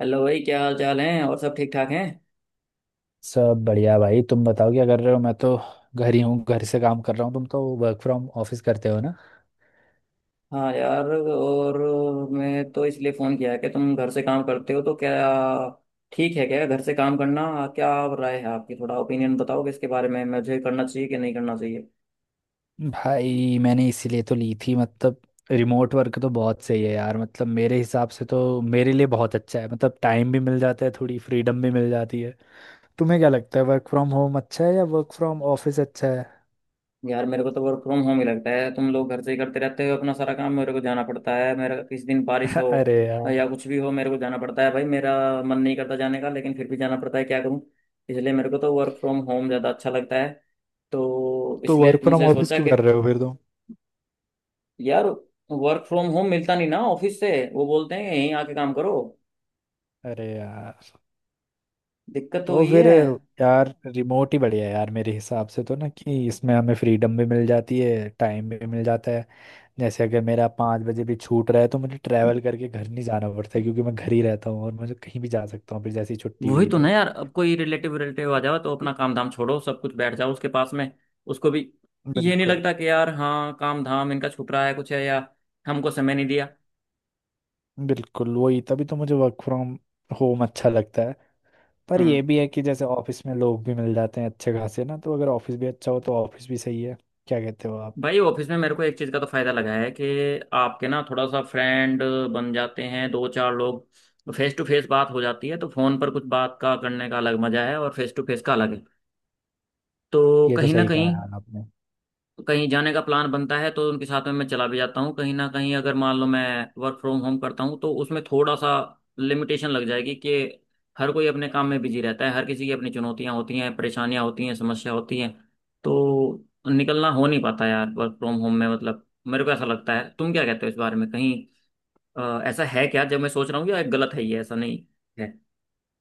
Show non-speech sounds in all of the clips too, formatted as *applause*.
Hello भाई, क्या हाल चाल है? और सब ठीक ठाक हैं? सब बढ़िया भाई। तुम बताओ क्या कर रहे हो। मैं तो घर ही हूँ, घर से काम कर रहा हूँ। तुम तो वर्क फ्रॉम ऑफिस करते हो ना। हाँ यार। और मैं तो इसलिए फ़ोन किया है कि तुम घर से काम करते हो तो क्या ठीक है क्या घर से काम करना? क्या राय है आपकी? थोड़ा ओपिनियन बताओगे इसके बारे में? मुझे करना चाहिए कि नहीं करना चाहिए? भाई मैंने इसीलिए तो ली थी, मतलब रिमोट वर्क तो बहुत सही है यार। मतलब मेरे हिसाब से तो मेरे लिए बहुत अच्छा है। मतलब टाइम भी मिल जाता है, थोड़ी फ्रीडम भी मिल जाती है। तुम्हें क्या लगता है, वर्क फ्रॉम होम अच्छा है या वर्क फ्रॉम ऑफिस अच्छा है? यार मेरे को तो वर्क फ्रॉम होम ही लगता है। तुम लोग घर से ही करते रहते हो अपना सारा काम। मेरे को जाना पड़ता है। मेरा किस दिन बारिश हो *laughs* अरे यार। या कुछ भी हो, मेरे को जाना पड़ता है भाई। मेरा मन नहीं करता जाने का, लेकिन फिर भी जाना पड़ता है, क्या करूँ। इसलिए मेरे को तो वर्क फ्रॉम होम ज़्यादा अच्छा लगता है। तो तो इसलिए वर्क फ्रॉम तुमसे ऑफिस सोचा क्यों कि कर रहे हो फिर तुम? यार वर्क फ्रॉम होम मिलता नहीं ना, ऑफिस से वो बोलते हैं यहीं आके काम करो। अरे यार। दिक्कत तो तो वही फिर है। यार रिमोट ही बढ़िया है यार मेरे हिसाब से तो ना, कि इसमें हमें फ्रीडम भी मिल जाती है, टाइम भी मिल जाता है। जैसे अगर मेरा 5 बजे भी छूट रहा है तो मुझे ट्रैवल करके घर नहीं जाना पड़ता है, क्योंकि मैं घर ही रहता हूँ। और मुझे कहीं भी जा सकता हूँ फिर, जैसी छुट्टी वही हुई तो ना तो। यार, अब कोई रिलेटिव रिलेटिव आ जाओ तो अपना काम धाम छोड़ो, सब कुछ बैठ जाओ उसके पास में। उसको भी ये नहीं बिल्कुल, लगता कि यार हाँ काम धाम इनका छूट रहा है, कुछ है या हमको समय नहीं दिया। बिल्कुल वही, तभी तो मुझे वर्क फ्रॉम होम अच्छा लगता है। पर ये हम्म भी है कि जैसे ऑफिस में लोग भी मिल जाते हैं अच्छे खासे ना, तो अगर ऑफिस भी अच्छा हो तो ऑफिस भी सही है। क्या कहते हो आप? भाई ऑफिस में मेरे को एक चीज़ का तो फायदा लगा है कि आपके ना थोड़ा सा फ्रेंड बन जाते हैं, दो चार लोग। फेस टू फेस बात हो जाती है, तो फोन पर कुछ बात का करने का अलग मजा है और फेस टू फेस का अलग है। तो ये तो कहीं ना सही कहा कहीं यार। कहीं जाने का प्लान बनता है तो उनके साथ में मैं चला भी जाता हूँ कहीं ना कहीं। अगर मान लो मैं वर्क फ्रॉम होम करता हूँ तो उसमें थोड़ा सा लिमिटेशन लग जाएगी कि हर कोई अपने काम में बिजी रहता है, हर किसी की अपनी चुनौतियाँ होती हैं, परेशानियाँ होती हैं, समस्या होती हैं। तो निकलना हो नहीं पाता यार वर्क फ्रॉम होम में। मतलब मेरे को ऐसा लगता है, तुम क्या कहते हो इस बारे में? कहीं ऐसा है क्या जब मैं सोच रहा हूँ, या गलत है, ये ऐसा नहीं है?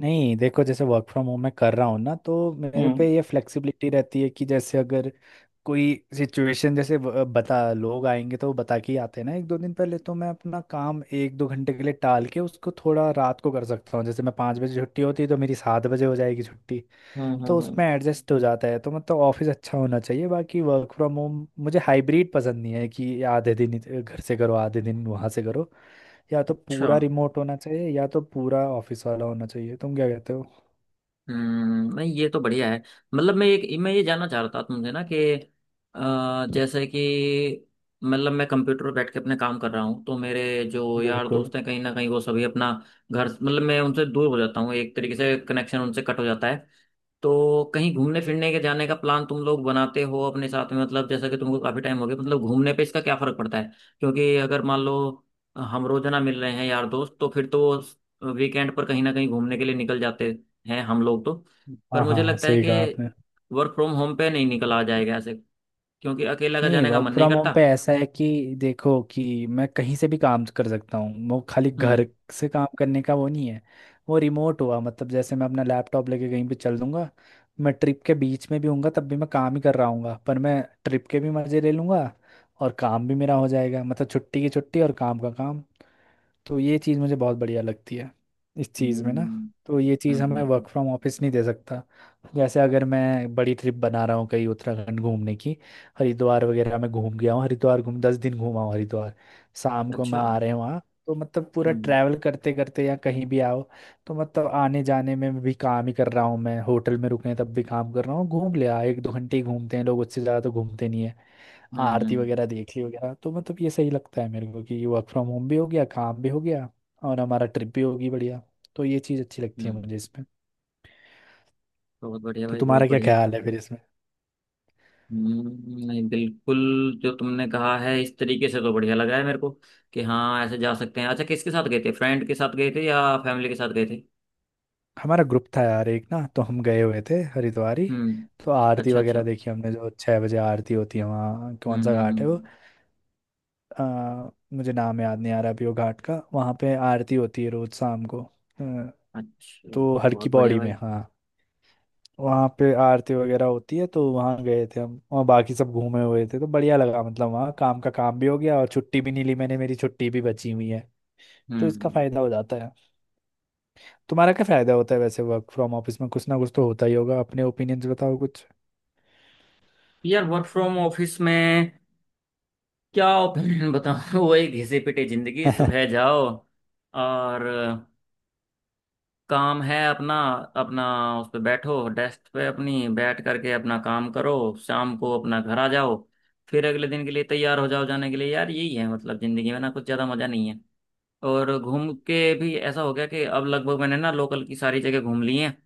नहीं, देखो, जैसे वर्क फ्रॉम होम मैं कर रहा हूँ ना तो मेरे हम्म। पे ये फ्लेक्सिबिलिटी रहती है कि जैसे अगर कोई सिचुएशन जैसे बता, लोग आएंगे तो वो बता के ही आते हैं ना एक दो दिन पहले। तो मैं अपना काम एक दो घंटे के लिए टाल के उसको थोड़ा रात को कर सकता हूँ। जैसे मैं 5 बजे छुट्टी होती है तो मेरी 7 बजे हो जाएगी छुट्टी। हम्म तो हम्म उसमें हम्म। एडजस्ट हो जाता है। तो मतलब ऑफिस अच्छा होना चाहिए। बाकी वर्क फ्रॉम होम, मुझे हाइब्रिड पसंद नहीं है कि आधे दिन घर से करो, आधे दिन वहाँ से करो। या तो अच्छा। पूरा रिमोट होना चाहिए या तो पूरा ऑफिस वाला होना चाहिए। तुम क्या कहते हो? नहीं ये तो बढ़िया है। मतलब मैं एक, मैं ये जानना चाह रहा था तुमसे ना कि जैसे कि मतलब मैं कंप्यूटर पर बैठ के अपने काम कर रहा हूँ तो मेरे जो यार बिल्कुल। दोस्त हैं कहीं ना कहीं वो सभी अपना घर, मतलब मैं उनसे दूर हो जाता हूँ एक तरीके से, कनेक्शन उनसे कट हो जाता है। तो कहीं घूमने फिरने के जाने का प्लान तुम लोग बनाते हो अपने साथ में? मतलब जैसा कि तुमको काफी टाइम हो गया, मतलब घूमने पे इसका क्या फर्क पड़ता है? क्योंकि अगर मान लो हम रोजाना मिल रहे हैं यार दोस्त तो फिर तो वीकेंड पर कहीं ना कहीं घूमने के लिए निकल जाते हैं हम लोग तो। पर हाँ मुझे हाँ, लगता है सही कि कहा आपने। वर्क फ्रॉम होम पे नहीं निकला जाएगा ऐसे, क्योंकि अकेला का नहीं, जाने का वर्क मन नहीं फ्रॉम करता। होम पे ऐसा है कि देखो कि मैं कहीं से भी काम कर सकता हूँ। वो खाली हम्म घर से काम करने का वो नहीं है। वो रिमोट हुआ मतलब, जैसे मैं अपना लैपटॉप लेके कहीं पे चल दूंगा। मैं ट्रिप के बीच में भी हूँगा तब भी मैं काम ही कर रहा हूँगा, पर मैं ट्रिप के भी मज़े ले लूँगा और काम भी मेरा हो जाएगा। मतलब छुट्टी की छुट्टी और काम का काम। तो ये चीज़ मुझे बहुत बढ़िया लगती है इस चीज़ में ना। हम्म तो ये चीज़ हमें हम्म। वर्क फ्रॉम ऑफिस नहीं दे सकता। जैसे अगर मैं बड़ी ट्रिप बना रहा हूँ कहीं उत्तराखंड घूमने की, हरिद्वार वगैरह में घूम गया हूँ। हरिद्वार घूम 10 दिन घूमा हूँ हरिद्वार। शाम को मैं अच्छा। आ रहे हैं वहाँ। तो मतलब पूरा हम्म ट्रैवल करते करते या कहीं भी आओ तो मतलब आने जाने में भी काम ही कर रहा हूँ। मैं होटल में रुके हैं तब भी काम कर रहा हूँ। घूम लिया एक दो घंटे, ही घूमते हैं लोग, उससे ज़्यादा तो घूमते नहीं है। हम्म आरती हम्म वगैरह देख ली वगैरह। तो मतलब ये सही लगता है मेरे को कि वर्क फ्रॉम होम भी हो गया, काम भी हो गया और हमारा ट्रिप भी होगी बढ़िया। तो ये चीज़ अच्छी लगती है मुझे हम्म। इसमें। बहुत बढ़िया तो भाई, बहुत तुम्हारा क्या बढ़िया। ख्याल है फिर इसमें? नहीं बिल्कुल। जो तुमने कहा है इस तरीके से, तो बढ़िया लगा है मेरे को कि हाँ ऐसे जा सकते हैं। अच्छा, किसके साथ गए थे? फ्रेंड के साथ गए थे या फैमिली के साथ गए थे? हमारा ग्रुप था यार एक ना, तो हम गए हुए थे हरिद्वार ही। हम्म। तो आरती अच्छा अच्छा। वगैरह देखी हमने जो 6 बजे आरती होती है वहाँ, हम्म कौन सा हम्म, घाट है वो, हम्म। मुझे नाम याद नहीं आ रहा अभी वो घाट का। वहाँ पे आरती होती है रोज शाम को। अच्छा, तो हर की बहुत बढ़िया पौड़ी भाई। में हाँ। वहाँ पे आरती वगैरह होती है, तो वहाँ गए थे हम और बाकी सब घूमे हुए थे। तो बढ़िया लगा, मतलब वहाँ काम का काम भी हो गया और छुट्टी भी नहीं ली मैंने, मेरी छुट्टी भी बची हुई है। तो इसका हम्म। फायदा हो जाता है। तुम्हारा क्या फायदा होता है वैसे वर्क फ्रॉम ऑफिस में? कुछ ना कुछ तो होता ही होगा, अपने ओपिनियंस बताओ कुछ। यार वर्क फ्रॉम ऑफिस में क्या ओपिनियन बताऊं *laughs* वही घिसे पिटे जिंदगी। सुबह *laughs* जाओ, और काम है अपना अपना उस पे बैठो, डेस्क पे अपनी बैठ करके अपना काम करो, शाम को अपना घर आ जाओ, फिर अगले दिन के लिए तैयार हो जाओ जाने के लिए। यार यही है, मतलब जिंदगी में ना कुछ ज्यादा मजा नहीं है। और घूम के भी ऐसा हो गया कि अब लगभग मैंने ना लोकल की सारी जगह घूम ली है।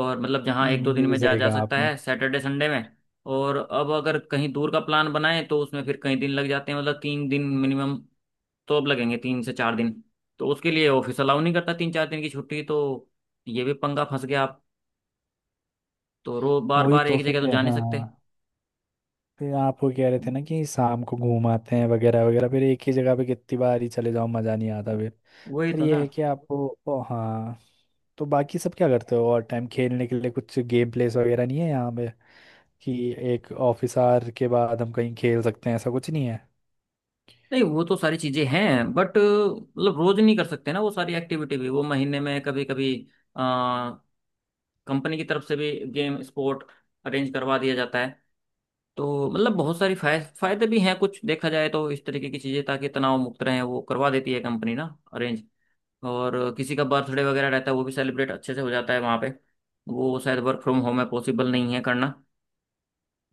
और मतलब जहाँ एक दो दिन ये भी में जा सही जा कहा सकता आपने। है सैटरडे संडे में। और अब अगर कहीं दूर का प्लान बनाए तो उसमें फिर कई दिन लग जाते हैं। मतलब तीन दिन मिनिमम, तो अब लगेंगे तीन से चार दिन। तो उसके लिए ऑफिस अलाउ नहीं करता तीन चार दिन की छुट्टी, तो ये भी पंगा फंस गया आप। तो रो बार वही बार तो, एक जगह तो फिर जा नहीं सकते। हाँ। फिर आप वो कह रहे थे ना कि शाम को घूम आते हैं वगैरह वगैरह। फिर एक ही जगह पे कितनी बार ही चले जाओ मज़ा नहीं आता फिर। वही पर तो ये ना। है कि आपको, ओ हाँ। तो बाकी सब क्या करते हो? और टाइम, खेलने के लिए कुछ गेम प्लेस वगैरह नहीं है यहाँ पे, कि एक ऑफिस आवर के बाद हम कहीं खेल सकते हैं? ऐसा कुछ नहीं है। नहीं वो तो सारी चीजें हैं बट मतलब रोज नहीं कर सकते ना वो सारी एक्टिविटी भी। वो महीने में कभी कभी कंपनी की तरफ से भी गेम स्पोर्ट अरेंज करवा दिया जाता है। तो मतलब बहुत सारी फायदे भी हैं कुछ देखा जाए तो। इस तरीके की चीजें ताकि तनाव मुक्त रहें, वो करवा देती है कंपनी ना अरेंज। और किसी का बर्थडे वगैरह रहता है वो भी सेलिब्रेट अच्छे से हो जाता है वहाँ पे। वो शायद वर्क फ्रॉम होम में पॉसिबल नहीं है करना।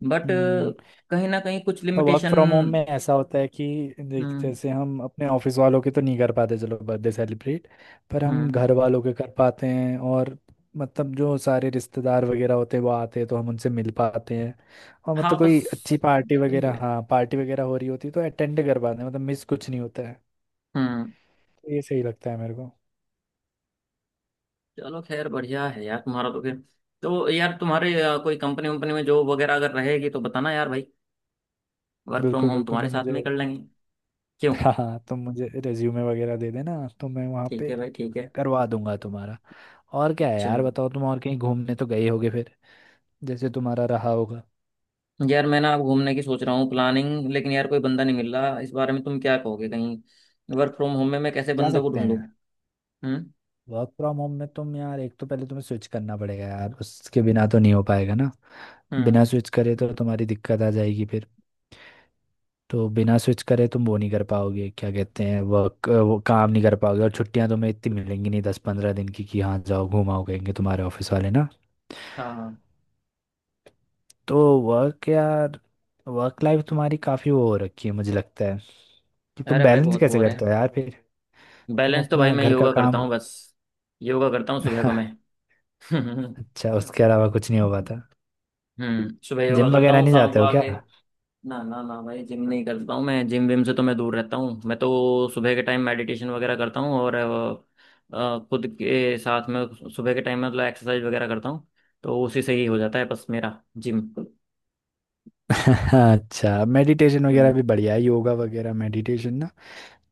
बट हम्म। कहीं ना कहीं कुछ वर्क लिमिटेशन। फ्रॉम होम में ऐसा होता है कि देख, हम्म जैसे हम अपने ऑफिस वालों के तो नहीं कर पाते चलो बर्थडे सेलिब्रेट, पर हम हम्म घर वालों के कर पाते हैं। और मतलब जो सारे रिश्तेदार वगैरह होते हैं वो आते हैं तो हम उनसे मिल पाते हैं। और हाँ मतलब बस कोई अच्छी पार्टी यही वगैरह, है। हाँ पार्टी वगैरह हो रही होती है तो अटेंड कर पाते हैं। मतलब मिस कुछ नहीं होता है। हम्म। तो ये सही लगता है मेरे को। चलो, खैर बढ़िया है यार तुम्हारा तो फिर। तो यार तुम्हारे कोई कंपनी वंपनी में जॉब वगैरह अगर रहेगी तो बताना यार भाई, वर्क फ्रॉम बिल्कुल, होम बिल्कुल। तुम्हारे तो साथ में ही मुझे कर लेंगे। *laughs* क्यों? हाँ हाँ, तो मुझे रेज्यूमे वगैरह दे देना तो मैं वहाँ ठीक पे है भाई, ठीक है। करवा दूंगा तुम्हारा। और क्या है यार? चलो। बताओ तुम और कहीं घूमने तो गए होगे फिर, जैसे तुम्हारा रहा होगा। यार मैं ना अब घूमने की सोच रहा हूँ प्लानिंग, लेकिन यार कोई बंदा नहीं मिल रहा। इस बारे में तुम क्या कहोगे, कहीं वर्क फ्रॉम होम में मैं कैसे जा बंदों को सकते ढूंढूं? हैं। हम्म वर्क फ्रॉम होम में तुम, यार एक तो पहले तुम्हें स्विच करना पड़ेगा यार, उसके बिना तो नहीं हो पाएगा ना। हम्म बिना स्विच करे तो तुम्हारी दिक्कत आ जाएगी फिर। तो बिना स्विच करे तुम वो नहीं कर पाओगे, क्या कहते हैं वर्क, वो काम नहीं कर पाओगे। और छुट्टियां तुम्हें इतनी मिलेंगी नहीं, 10-15 दिन की, कि हाँ जाओ घुमाओ कहेंगे तुम्हारे ऑफिस वाले ना। हाँ। तो वर्क, यार वर्क लाइफ तुम्हारी काफी वो हो रखी है मुझे लगता है, कि तुम अरे भाई बैलेंस बहुत कैसे बोर है। करते हो यार फिर? तुम बैलेंस तो भाई अपना मैं घर का योगा करता काम हूँ बस। योगा करता हूँ सुबह को मैं। *laughs* *laughs* अच्छा उसके अलावा कुछ नहीं हो पाता? हम्म। सुबह योगा जिम करता वगैरह हूँ, नहीं शाम जाते को नहीं हो आके। क्या? *laughs* ना ना ना भाई, जिम नहीं करता हूँ मैं। जिम विम से तो मैं दूर रहता हूँ। मैं तो सुबह के टाइम मेडिटेशन वगैरह करता हूँ और खुद के साथ में सुबह के टाइम में मतलब एक्सरसाइज वगैरह करता हूँ। तो उसी से ही हो जाता है बस मेरा जिम। पापा, अच्छा मेडिटेशन वगैरह हम्म। भी बढ़िया है, योगा वगैरह मेडिटेशन ना।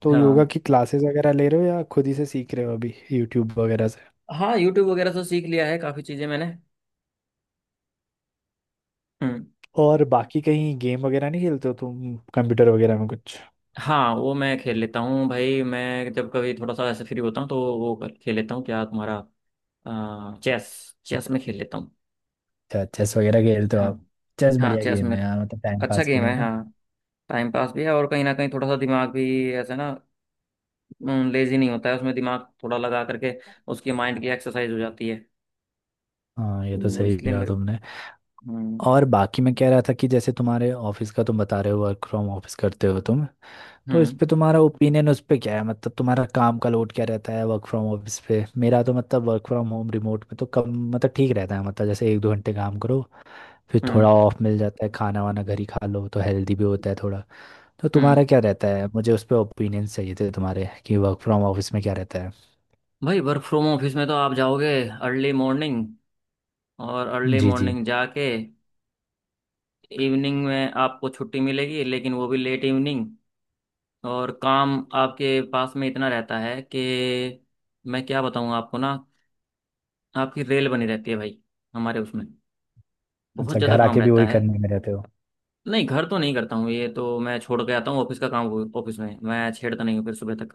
तो योगा हाँ। की क्लासेस वगैरह ले रहे हो या खुद ही से सीख रहे हो अभी यूट्यूब वगैरह से? हाँ यूट्यूब वगैरह से सीख लिया है काफी चीजें मैंने। हम्म। और बाकी कहीं गेम वगैरह नहीं खेलते हो तुम कंप्यूटर वगैरह में कुछ? हाँ वो मैं खेल लेता हूँ भाई। मैं जब कभी थोड़ा सा ऐसे फ्री होता हूँ तो वो खेल लेता हूँ। क्या तुम्हारा, चेस, चेस में खेल लेता हूँ। अच्छा चेस वगैरह खेलते हो हाँ। आप? चेस हाँ बढ़िया चेस गेम में है यार, मतलब टाइम अच्छा पास के गेम लिए है ना। हाँ। टाइम पास भी है और कहीं ना कहीं थोड़ा सा दिमाग भी ऐसे ना लेजी नहीं होता है, उसमें दिमाग थोड़ा लगा करके उसके माइंड की एक्सरसाइज हो जाती है। हाँ ये तो, तो सही इसलिए किया मेरे। तुमने। हम्म और बाकी मैं कह रहा था कि जैसे तुम्हारे ऑफिस का, तुम बता रहे हो वर्क फ्रॉम ऑफिस करते हो तुम, तो इस हम्म पे तुम्हारा ओपिनियन उस पे क्या है। मतलब तुम्हारा काम का लोड क्या रहता है वर्क फ्रॉम ऑफिस पे? मेरा तो मतलब वर्क फ्रॉम होम रिमोट में तो कम, मतलब ठीक रहता है। मतलब जैसे एक दो घंटे काम करो फिर हम्म थोड़ा ऑफ मिल जाता है, खाना वाना घर ही खा लो तो हेल्दी भी होता है थोड़ा। तो तुम्हारा हम्म। क्या रहता है, मुझे उस पे ओपिनियन चाहिए थे तुम्हारे कि वर्क फ्रॉम ऑफिस में क्या रहता है? भाई वर्क फ्रॉम ऑफिस में तो आप जाओगे अर्ली मॉर्निंग, और अर्ली जी जी। मॉर्निंग जाके इवनिंग में आपको छुट्टी मिलेगी, लेकिन वो भी लेट इवनिंग। और काम आपके पास में इतना रहता है कि मैं क्या बताऊं आपको ना, आपकी रेल बनी रहती है भाई। हमारे उसमें बहुत अच्छा ज़्यादा घर काम आके भी रहता वही है। करने में रहते हो? नहीं घर तो नहीं करता हूँ, ये तो मैं छोड़ के आता हूँ ऑफिस का काम। ऑफिस में मैं छेड़ता नहीं हूँ फिर सुबह तक।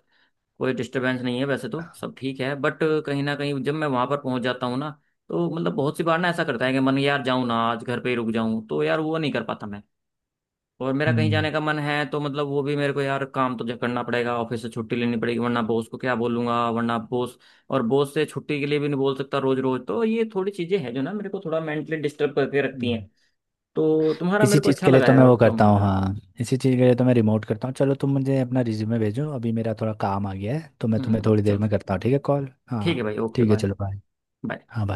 कोई डिस्टरबेंस नहीं है, वैसे तो सब ठीक है बट कहीं ना कहीं जब मैं वहां पर पहुंच जाता हूँ ना, तो मतलब बहुत सी बार ना ऐसा करता है कि मन, यार जाऊँ ना आज, घर पे ही रुक जाऊँ, तो यार वो नहीं कर पाता मैं। और मेरा कहीं जाने का मन है तो मतलब वो भी मेरे को यार, काम तो जब करना पड़ेगा ऑफिस से छुट्टी लेनी पड़ेगी वरना बॉस को क्या बोलूंगा वरना बॉस। और बॉस से छुट्टी के लिए भी नहीं बोल सकता रोज रोज। तो ये थोड़ी चीजें हैं जो ना मेरे को थोड़ा मेंटली डिस्टर्ब करके रखती हम्म हैं। तो तुम्हारा इसी मेरे को चीज़ अच्छा के लिए लगा तो है मैं वो वर्क फ्रॉम करता होम। हूँ हाँ। इसी चीज़ के लिए तो मैं रिमोट करता हूँ। चलो तुम मुझे अपना रिज्यूमे भेजो, अभी मेरा थोड़ा काम आ गया है तो मैं तुम्हें थोड़ी देर में चलो। करता हूँ, ठीक है कॉल। ठीक है हाँ, भाई, ओके ठीक है बाय। चलो बाय। बाय। हाँ bye।